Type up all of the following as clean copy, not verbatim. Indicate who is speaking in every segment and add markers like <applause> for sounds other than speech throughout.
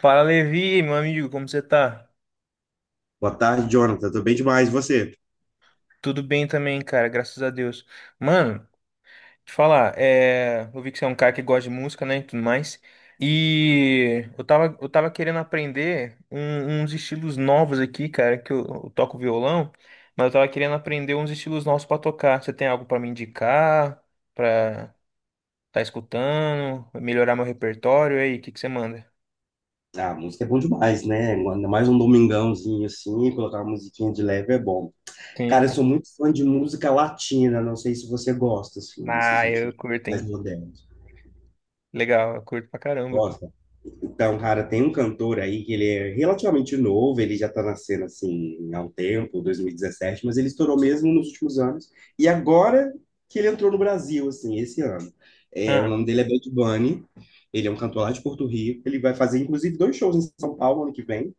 Speaker 1: Fala, Levi, meu amigo, como você tá?
Speaker 2: Boa tarde, Jonathan. Tô bem demais, e você?
Speaker 1: Tudo bem também, cara, graças a Deus. Mano, te falar, eu vi que você é um cara que gosta de música, né, e tudo mais. E eu tava querendo aprender uns estilos novos aqui, cara, que eu toco violão, mas eu tava querendo aprender uns estilos novos pra tocar. Você tem algo pra me indicar, pra tá escutando, melhorar meu repertório? E aí, o que que você manda?
Speaker 2: Ah, música é bom demais, né? Ainda mais um domingãozinho assim, colocar uma musiquinha de leve é bom.
Speaker 1: Sim,
Speaker 2: Cara, eu
Speaker 1: então.
Speaker 2: sou muito fã de música latina, não sei se você gosta, assim, desses
Speaker 1: Ah,
Speaker 2: ritmos
Speaker 1: eu curto,
Speaker 2: mais
Speaker 1: hein?
Speaker 2: modernos.
Speaker 1: Legal, eu curto pra caramba, pô.
Speaker 2: Gosta? Então, cara, tem um cantor aí que ele é relativamente novo, ele já tá na cena assim há um tempo, 2017, mas ele estourou mesmo nos últimos anos. E agora que ele entrou no Brasil, assim, esse ano. É, o
Speaker 1: Ah,
Speaker 2: nome dele é Bad Bunny, ele é um cantor lá de Porto Rico, ele vai fazer inclusive dois shows em São Paulo ano que vem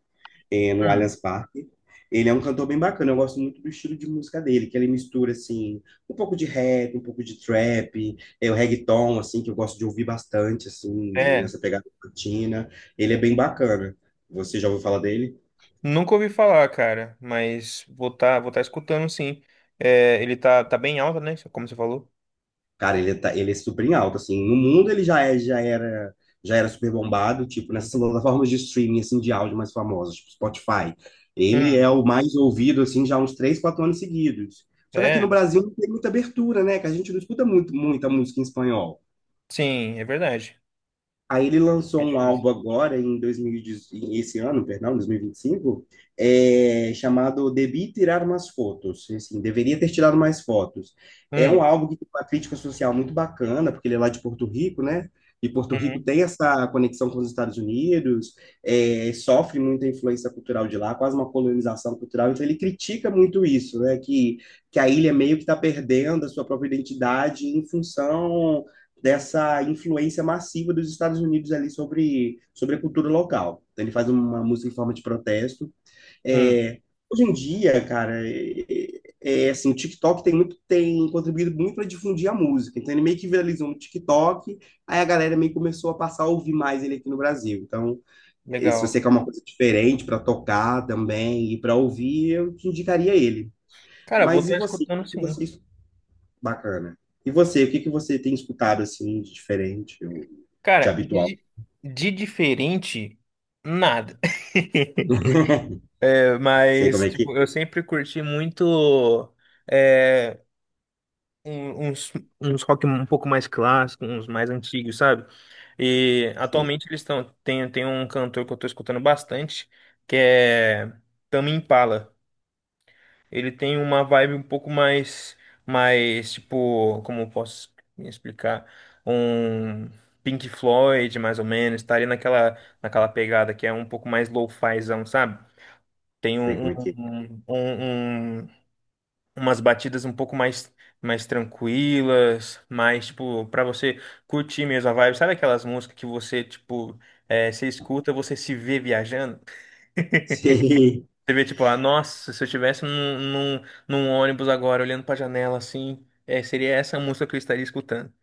Speaker 2: no
Speaker 1: hum,
Speaker 2: Allianz Parque. Ele é um cantor bem bacana, eu gosto muito do estilo de música dele, que ele mistura, assim, um pouco de rap, um pouco de trap, é, o reggaeton, assim, que eu gosto de ouvir bastante, assim,
Speaker 1: é.
Speaker 2: nessa pegada latina. Ele é bem bacana. Você já ouviu falar dele?
Speaker 1: Nunca ouvi falar, cara, mas vou tá escutando sim. É, tá bem alto, né? Como você falou.
Speaker 2: Cara, ele, tá, ele é super em alta, assim. No mundo ele já é, já era super bombado, tipo, nessas plataformas de streaming, assim, de áudio mais famosas, tipo Spotify. Ele
Speaker 1: Hum,
Speaker 2: é o mais ouvido, assim, já há uns três, quatro anos seguidos. Só que aqui
Speaker 1: é,
Speaker 2: no Brasil não tem muita abertura, né? Que a gente não escuta muito, muita música em espanhol.
Speaker 1: sim, é verdade.
Speaker 2: Aí ele
Speaker 1: É
Speaker 2: lançou um
Speaker 1: difícil.
Speaker 2: álbum agora, em 2018, esse ano, perdão, 2025, é, chamado Debi Tirar Umas Fotos. Assim, deveria ter tirado mais fotos. É
Speaker 1: Hum,
Speaker 2: um álbum que tem uma crítica social muito bacana, porque ele é lá de Porto Rico, né? E Porto Rico
Speaker 1: uhum,
Speaker 2: tem essa conexão com os Estados Unidos, é, sofre muita influência cultural de lá, quase uma colonização cultural. Então ele critica muito isso, né? Que a ilha meio que está perdendo a sua própria identidade em função dessa influência massiva dos Estados Unidos ali sobre a cultura local. Então, ele faz uma música em forma de protesto.
Speaker 1: hum,
Speaker 2: É, hoje em dia, cara, é assim, o TikTok tem contribuído muito para difundir a música. Então ele meio que viralizou no TikTok, aí a galera meio que começou a passar a ouvir mais ele aqui no Brasil. Então, é, se
Speaker 1: legal.
Speaker 2: você quer uma coisa diferente para tocar também e para ouvir, eu te indicaria ele.
Speaker 1: Cara, vou
Speaker 2: Mas e
Speaker 1: estar
Speaker 2: você?
Speaker 1: escutando
Speaker 2: O que
Speaker 1: sim.
Speaker 2: você Bacana. E você, o que que você tem escutado assim de diferente ou de
Speaker 1: Cara,
Speaker 2: habitual?
Speaker 1: de diferente, nada. <laughs>
Speaker 2: <laughs> Sei como
Speaker 1: Mas,
Speaker 2: é que.
Speaker 1: tipo, eu sempre curti muito. É, um- uns, uns rock um pouco mais clássicos, uns mais antigos, sabe? E
Speaker 2: Sei,
Speaker 1: atualmente eles estão. Tem um cantor que eu tô escutando bastante, que é Tame Impala. Ele tem uma vibe um pouco mais, mais tipo, como eu posso explicar? Um Pink Floyd, mais ou menos, tá ali naquela pegada que é um pouco mais lo-fizão, sabe? Tem
Speaker 2: sei
Speaker 1: um,
Speaker 2: como é que.
Speaker 1: um, um, um- um umas batidas um pouco mais mais tranquilas, mais tipo pra você curtir mesmo a vibe. Sabe aquelas músicas que você tipo é, você escuta, você se vê viajando?
Speaker 2: Sei.
Speaker 1: Você vê tipo, ah, nossa, se eu estivesse num ônibus agora olhando pra janela assim, é, seria essa música que eu estaria escutando.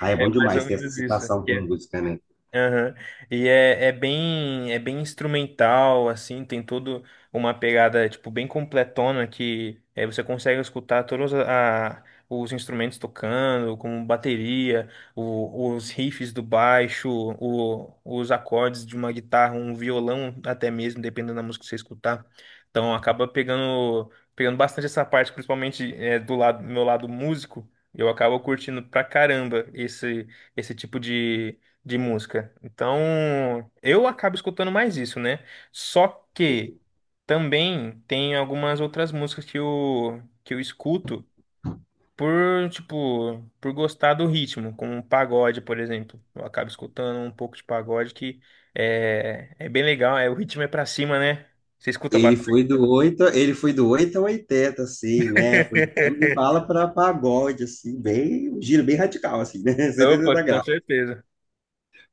Speaker 2: Ah, <laughs> é
Speaker 1: É
Speaker 2: bom
Speaker 1: mais ou
Speaker 2: demais ter essa
Speaker 1: menos isso.
Speaker 2: citação como música, né?
Speaker 1: Aham. E é bem instrumental, assim, tem todo uma pegada, tipo, bem completona que é, você consegue escutar todos os instrumentos tocando, como bateria, os riffs do baixo, os acordes de uma guitarra, um violão até mesmo, dependendo da música que você escutar. Então acaba pegando bastante essa parte, principalmente é, do lado, meu lado músico, eu acabo curtindo pra caramba esse tipo de música. Então, eu acabo escutando mais isso, né? Só
Speaker 2: Sei.
Speaker 1: que
Speaker 2: Como-
Speaker 1: também tem algumas outras músicas que eu escuto por, tipo, por gostar do ritmo, como um pagode, por exemplo. Eu acabo escutando um pouco de pagode que é, é bem legal, é, o ritmo é pra cima, né? Você escuta bastante?
Speaker 2: Ele foi do 8 ao 80, assim, né? Foi de
Speaker 1: <laughs>
Speaker 2: bala para pagode, assim, bem, um giro bem radical, assim, né? <laughs>
Speaker 1: Opa,
Speaker 2: 180
Speaker 1: com
Speaker 2: graus.
Speaker 1: certeza.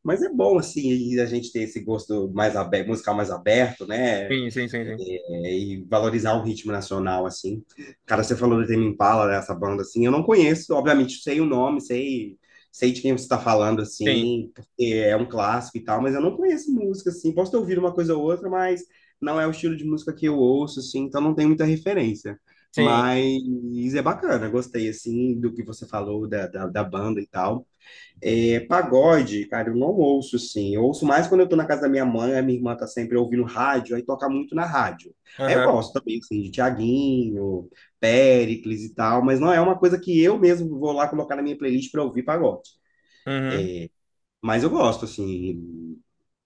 Speaker 2: Mas é bom, assim, a gente ter esse gosto mais aberto, musical mais aberto, né?
Speaker 1: Sim, sim, sim, sim.
Speaker 2: É, e valorizar o ritmo nacional, assim. Cara, você falou do Tame Impala, né, essa banda, assim, eu não conheço, obviamente, sei o nome, sei de quem você está falando,
Speaker 1: Sim,
Speaker 2: assim, porque é um clássico e tal, mas eu não conheço música, assim, posso ter ouvido uma coisa ou outra, mas não é o estilo de música que eu ouço, assim, então não tem muita referência.
Speaker 1: sim.
Speaker 2: Mas é bacana, gostei, assim, do que você falou da banda e tal. É, pagode, cara, eu não ouço, assim. Eu ouço mais quando eu tô na casa da minha mãe, a minha irmã tá sempre ouvindo rádio, aí toca muito na rádio. Aí eu
Speaker 1: Aham.
Speaker 2: gosto também, assim, de Thiaguinho, Péricles e tal, mas não é uma coisa que eu mesmo vou lá colocar na minha playlist pra ouvir pagode.
Speaker 1: Uhum.
Speaker 2: Mas eu gosto, assim,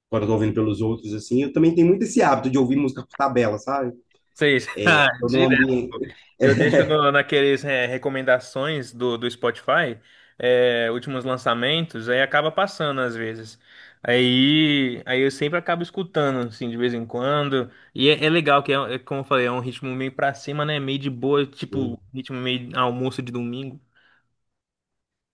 Speaker 2: quando eu tô ouvindo pelos outros, assim. Eu também tenho muito esse hábito de ouvir música por tabela, sabe?
Speaker 1: seis <laughs> ah,
Speaker 2: Tô
Speaker 1: direto.
Speaker 2: ambiente,
Speaker 1: Eu deixo no, naqueles é, recomendações do Spotify, é, últimos lançamentos, aí acaba passando às vezes. Aí eu sempre acabo escutando, assim, de vez em quando. E é, é, como eu falei, é um ritmo meio pra cima, né? Meio de boa, tipo,
Speaker 2: <laughs>
Speaker 1: ritmo meio almoço de domingo.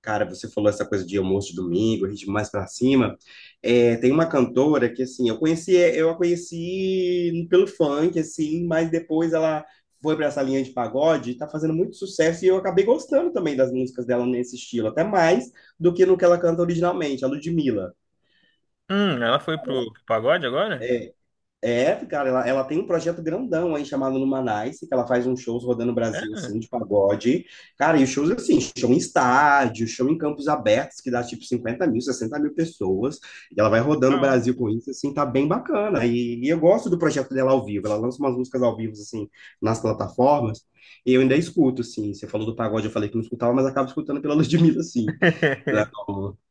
Speaker 2: Cara, você falou essa coisa de almoço de domingo, ritmo mais pra cima. É, tem uma cantora que, assim, eu conheci, eu a conheci pelo funk, assim, mas depois ela foi para essa linha de pagode e tá fazendo muito sucesso e eu acabei gostando também das músicas dela nesse estilo, até mais do que no que ela canta originalmente, a Ludmilla.
Speaker 1: Ela foi pro pagode agora?
Speaker 2: É, É, cara, ela tem um projeto grandão aí chamado Numanice, que ela faz uns shows rodando o Brasil,
Speaker 1: É,
Speaker 2: assim, de pagode. Cara, e os shows, assim, show em estádio, show em campos abertos, que dá tipo 50 mil, 60 mil pessoas. E ela vai rodando o
Speaker 1: legal.
Speaker 2: Brasil com isso, assim, tá bem bacana. E eu gosto do projeto dela ao vivo. Ela lança umas músicas ao vivo, assim, nas plataformas. E eu ainda escuto, assim. Você falou do pagode, eu falei que não escutava, mas acabo escutando pela <laughs> Ludmilla, assim.
Speaker 1: <laughs>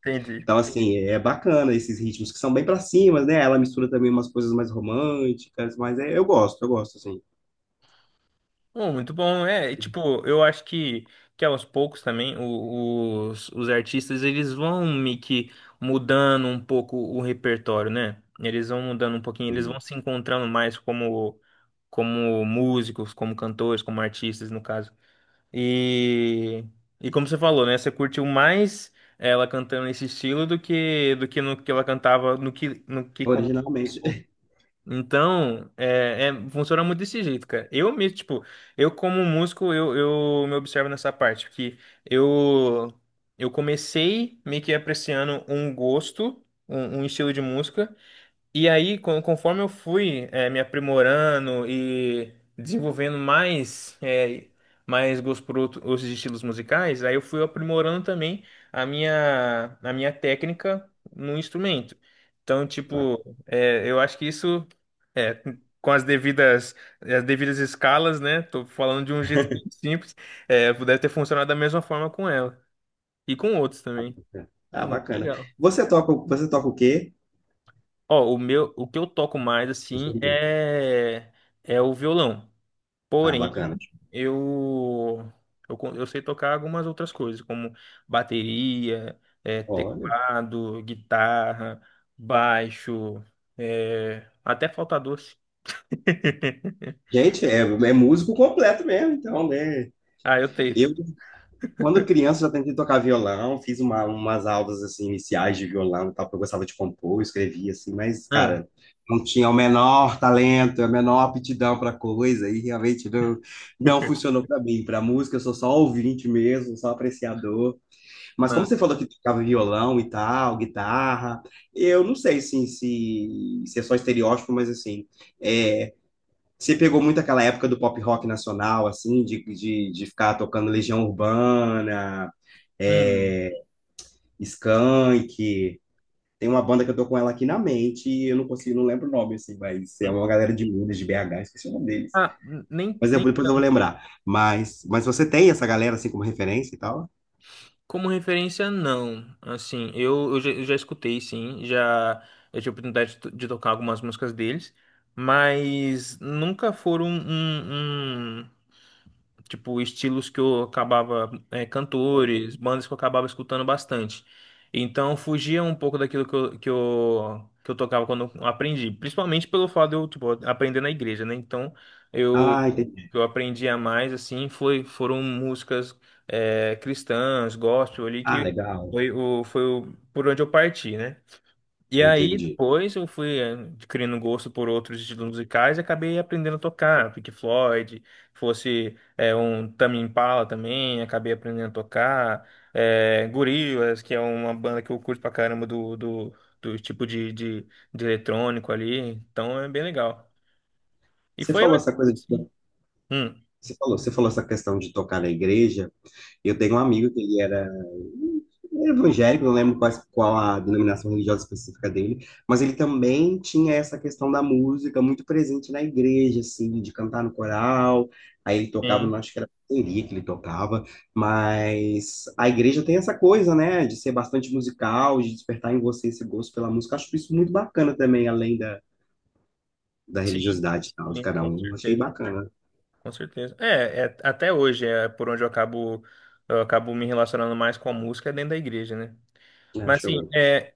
Speaker 1: Entendi.
Speaker 2: Então, assim, é bacana esses ritmos que são bem pra cima, né? Ela mistura também umas coisas mais românticas, mas é, eu gosto, assim.
Speaker 1: Oh, muito bom, é, e, tipo, eu acho que aos poucos também os artistas eles vão meio que mudando um pouco o repertório, né? Eles vão mudando um pouquinho, eles vão se encontrando mais como, como músicos, como cantores, como artistas, no caso. E, e como você falou, né? Você curtiu mais ela cantando nesse estilo do que no que ela cantava no que quando
Speaker 2: Originalmente.
Speaker 1: começou.
Speaker 2: <laughs>
Speaker 1: Então, funciona muito desse jeito, cara. Eu mesmo, tipo, eu como músico, eu me observo nessa parte, que eu, eu comecei meio que apreciando um gosto, um estilo de música, e aí, conforme eu fui me aprimorando e desenvolvendo mais, mais gosto por outros estilos musicais, aí eu fui aprimorando também a minha técnica no instrumento. Então, tipo, eu acho que isso, eh, com as as devidas escalas, né? Tô falando de um jeito bem simples, deve ter funcionado da mesma forma com ela e com outros também.
Speaker 2: Bacana.
Speaker 1: Ah, é
Speaker 2: Ah,
Speaker 1: muito
Speaker 2: bacana.
Speaker 1: legal.
Speaker 2: Você toca o quê?
Speaker 1: Ó, o que eu toco mais
Speaker 2: Eu sou
Speaker 1: assim
Speaker 2: ninguém.
Speaker 1: é o violão.
Speaker 2: Ah,
Speaker 1: Porém,
Speaker 2: bacana.
Speaker 1: eu eu, eu sei tocar algumas outras coisas, como bateria, é,
Speaker 2: Olha.
Speaker 1: teclado, guitarra, baixo, é, até falta doce. <laughs>
Speaker 2: Gente, é músico completo mesmo, então, né?
Speaker 1: Ah, eu tento.
Speaker 2: Eu, Quando criança, eu já tentei tocar violão, fiz umas aulas assim, iniciais de violão e tal, porque eu gostava de compor, eu escrevia assim, mas,
Speaker 1: Hum,
Speaker 2: cara, não tinha o menor talento, a menor aptidão para coisa, e realmente não funcionou para mim. Para música, eu sou só ouvinte mesmo, só apreciador. Mas como
Speaker 1: não.
Speaker 2: você falou que tocava violão e tal, guitarra, eu não sei assim, se é só estereótipo, mas assim, é, você pegou muito aquela época do pop rock nacional, assim, de ficar tocando Legião Urbana,
Speaker 1: Hum.
Speaker 2: é, Skank. Tem uma banda que eu tô com ela aqui na mente e eu não consigo, não lembro o nome, assim, mas é uma galera de Minas, de BH, esqueci o nome deles.
Speaker 1: Ah, nem
Speaker 2: Mas eu- depois eu vou lembrar. Mas você tem essa galera, assim, como referência e tal?
Speaker 1: Como referência, não. Assim, eu já escutei, sim. Já eu tive a oportunidade de, de tocar algumas músicas deles, mas nunca foram tipo, estilos que eu acabava, é, cantores, bandas que eu acabava escutando bastante. Então, fugia um pouco daquilo que eu tocava quando eu aprendi. Principalmente pelo fato de eu, tipo, aprender na igreja, né? Então, eu,
Speaker 2: Ah, entendi.
Speaker 1: eu aprendia mais, assim, foram músicas, é, cristãs, gospel ali,
Speaker 2: Ah,
Speaker 1: que
Speaker 2: legal.
Speaker 1: foi o, por onde eu parti, né? E aí,
Speaker 2: Entendi.
Speaker 1: depois eu fui adquirindo gosto por outros estilos musicais e acabei aprendendo a tocar. Pink Floyd, fosse um Tame Impala também, acabei aprendendo a tocar. Gorillaz, que é uma banda que eu curto pra caramba do tipo de eletrônico ali. Então é bem legal. E
Speaker 2: Você
Speaker 1: foi
Speaker 2: falou
Speaker 1: mais ou
Speaker 2: essa coisa
Speaker 1: menos
Speaker 2: de,
Speaker 1: assim. Hum,
Speaker 2: você falou essa questão de tocar na igreja. Eu tenho um amigo que ele era evangélico, não lembro quais- qual, a denominação religiosa específica dele, mas ele também tinha essa questão da música muito presente na igreja, assim, de cantar no coral. Aí ele tocava,
Speaker 1: sim,
Speaker 2: não acho que era bateria que ele tocava, mas a igreja tem essa coisa, né, de ser bastante musical, de despertar em você esse gosto pela música. Acho isso muito bacana também, além da, da
Speaker 1: sim,
Speaker 2: religiosidade e tal, de
Speaker 1: sim,
Speaker 2: cada
Speaker 1: com
Speaker 2: um. Achei
Speaker 1: certeza.
Speaker 2: bacana,
Speaker 1: Com certeza. É, é, até hoje é por onde eu acabo me relacionando mais com a música é dentro da igreja, né?
Speaker 2: né?
Speaker 1: Mas assim,
Speaker 2: Acho
Speaker 1: é,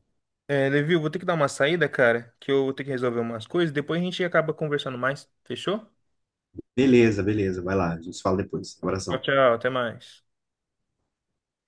Speaker 1: é, Levi, eu vou ter que dar uma saída, cara, que eu vou ter que resolver umas coisas. Depois a gente acaba conversando mais. Fechou?
Speaker 2: Beleza, beleza. Vai lá, a gente se fala depois.
Speaker 1: Tchau,
Speaker 2: Abração.
Speaker 1: tchau. Até mais.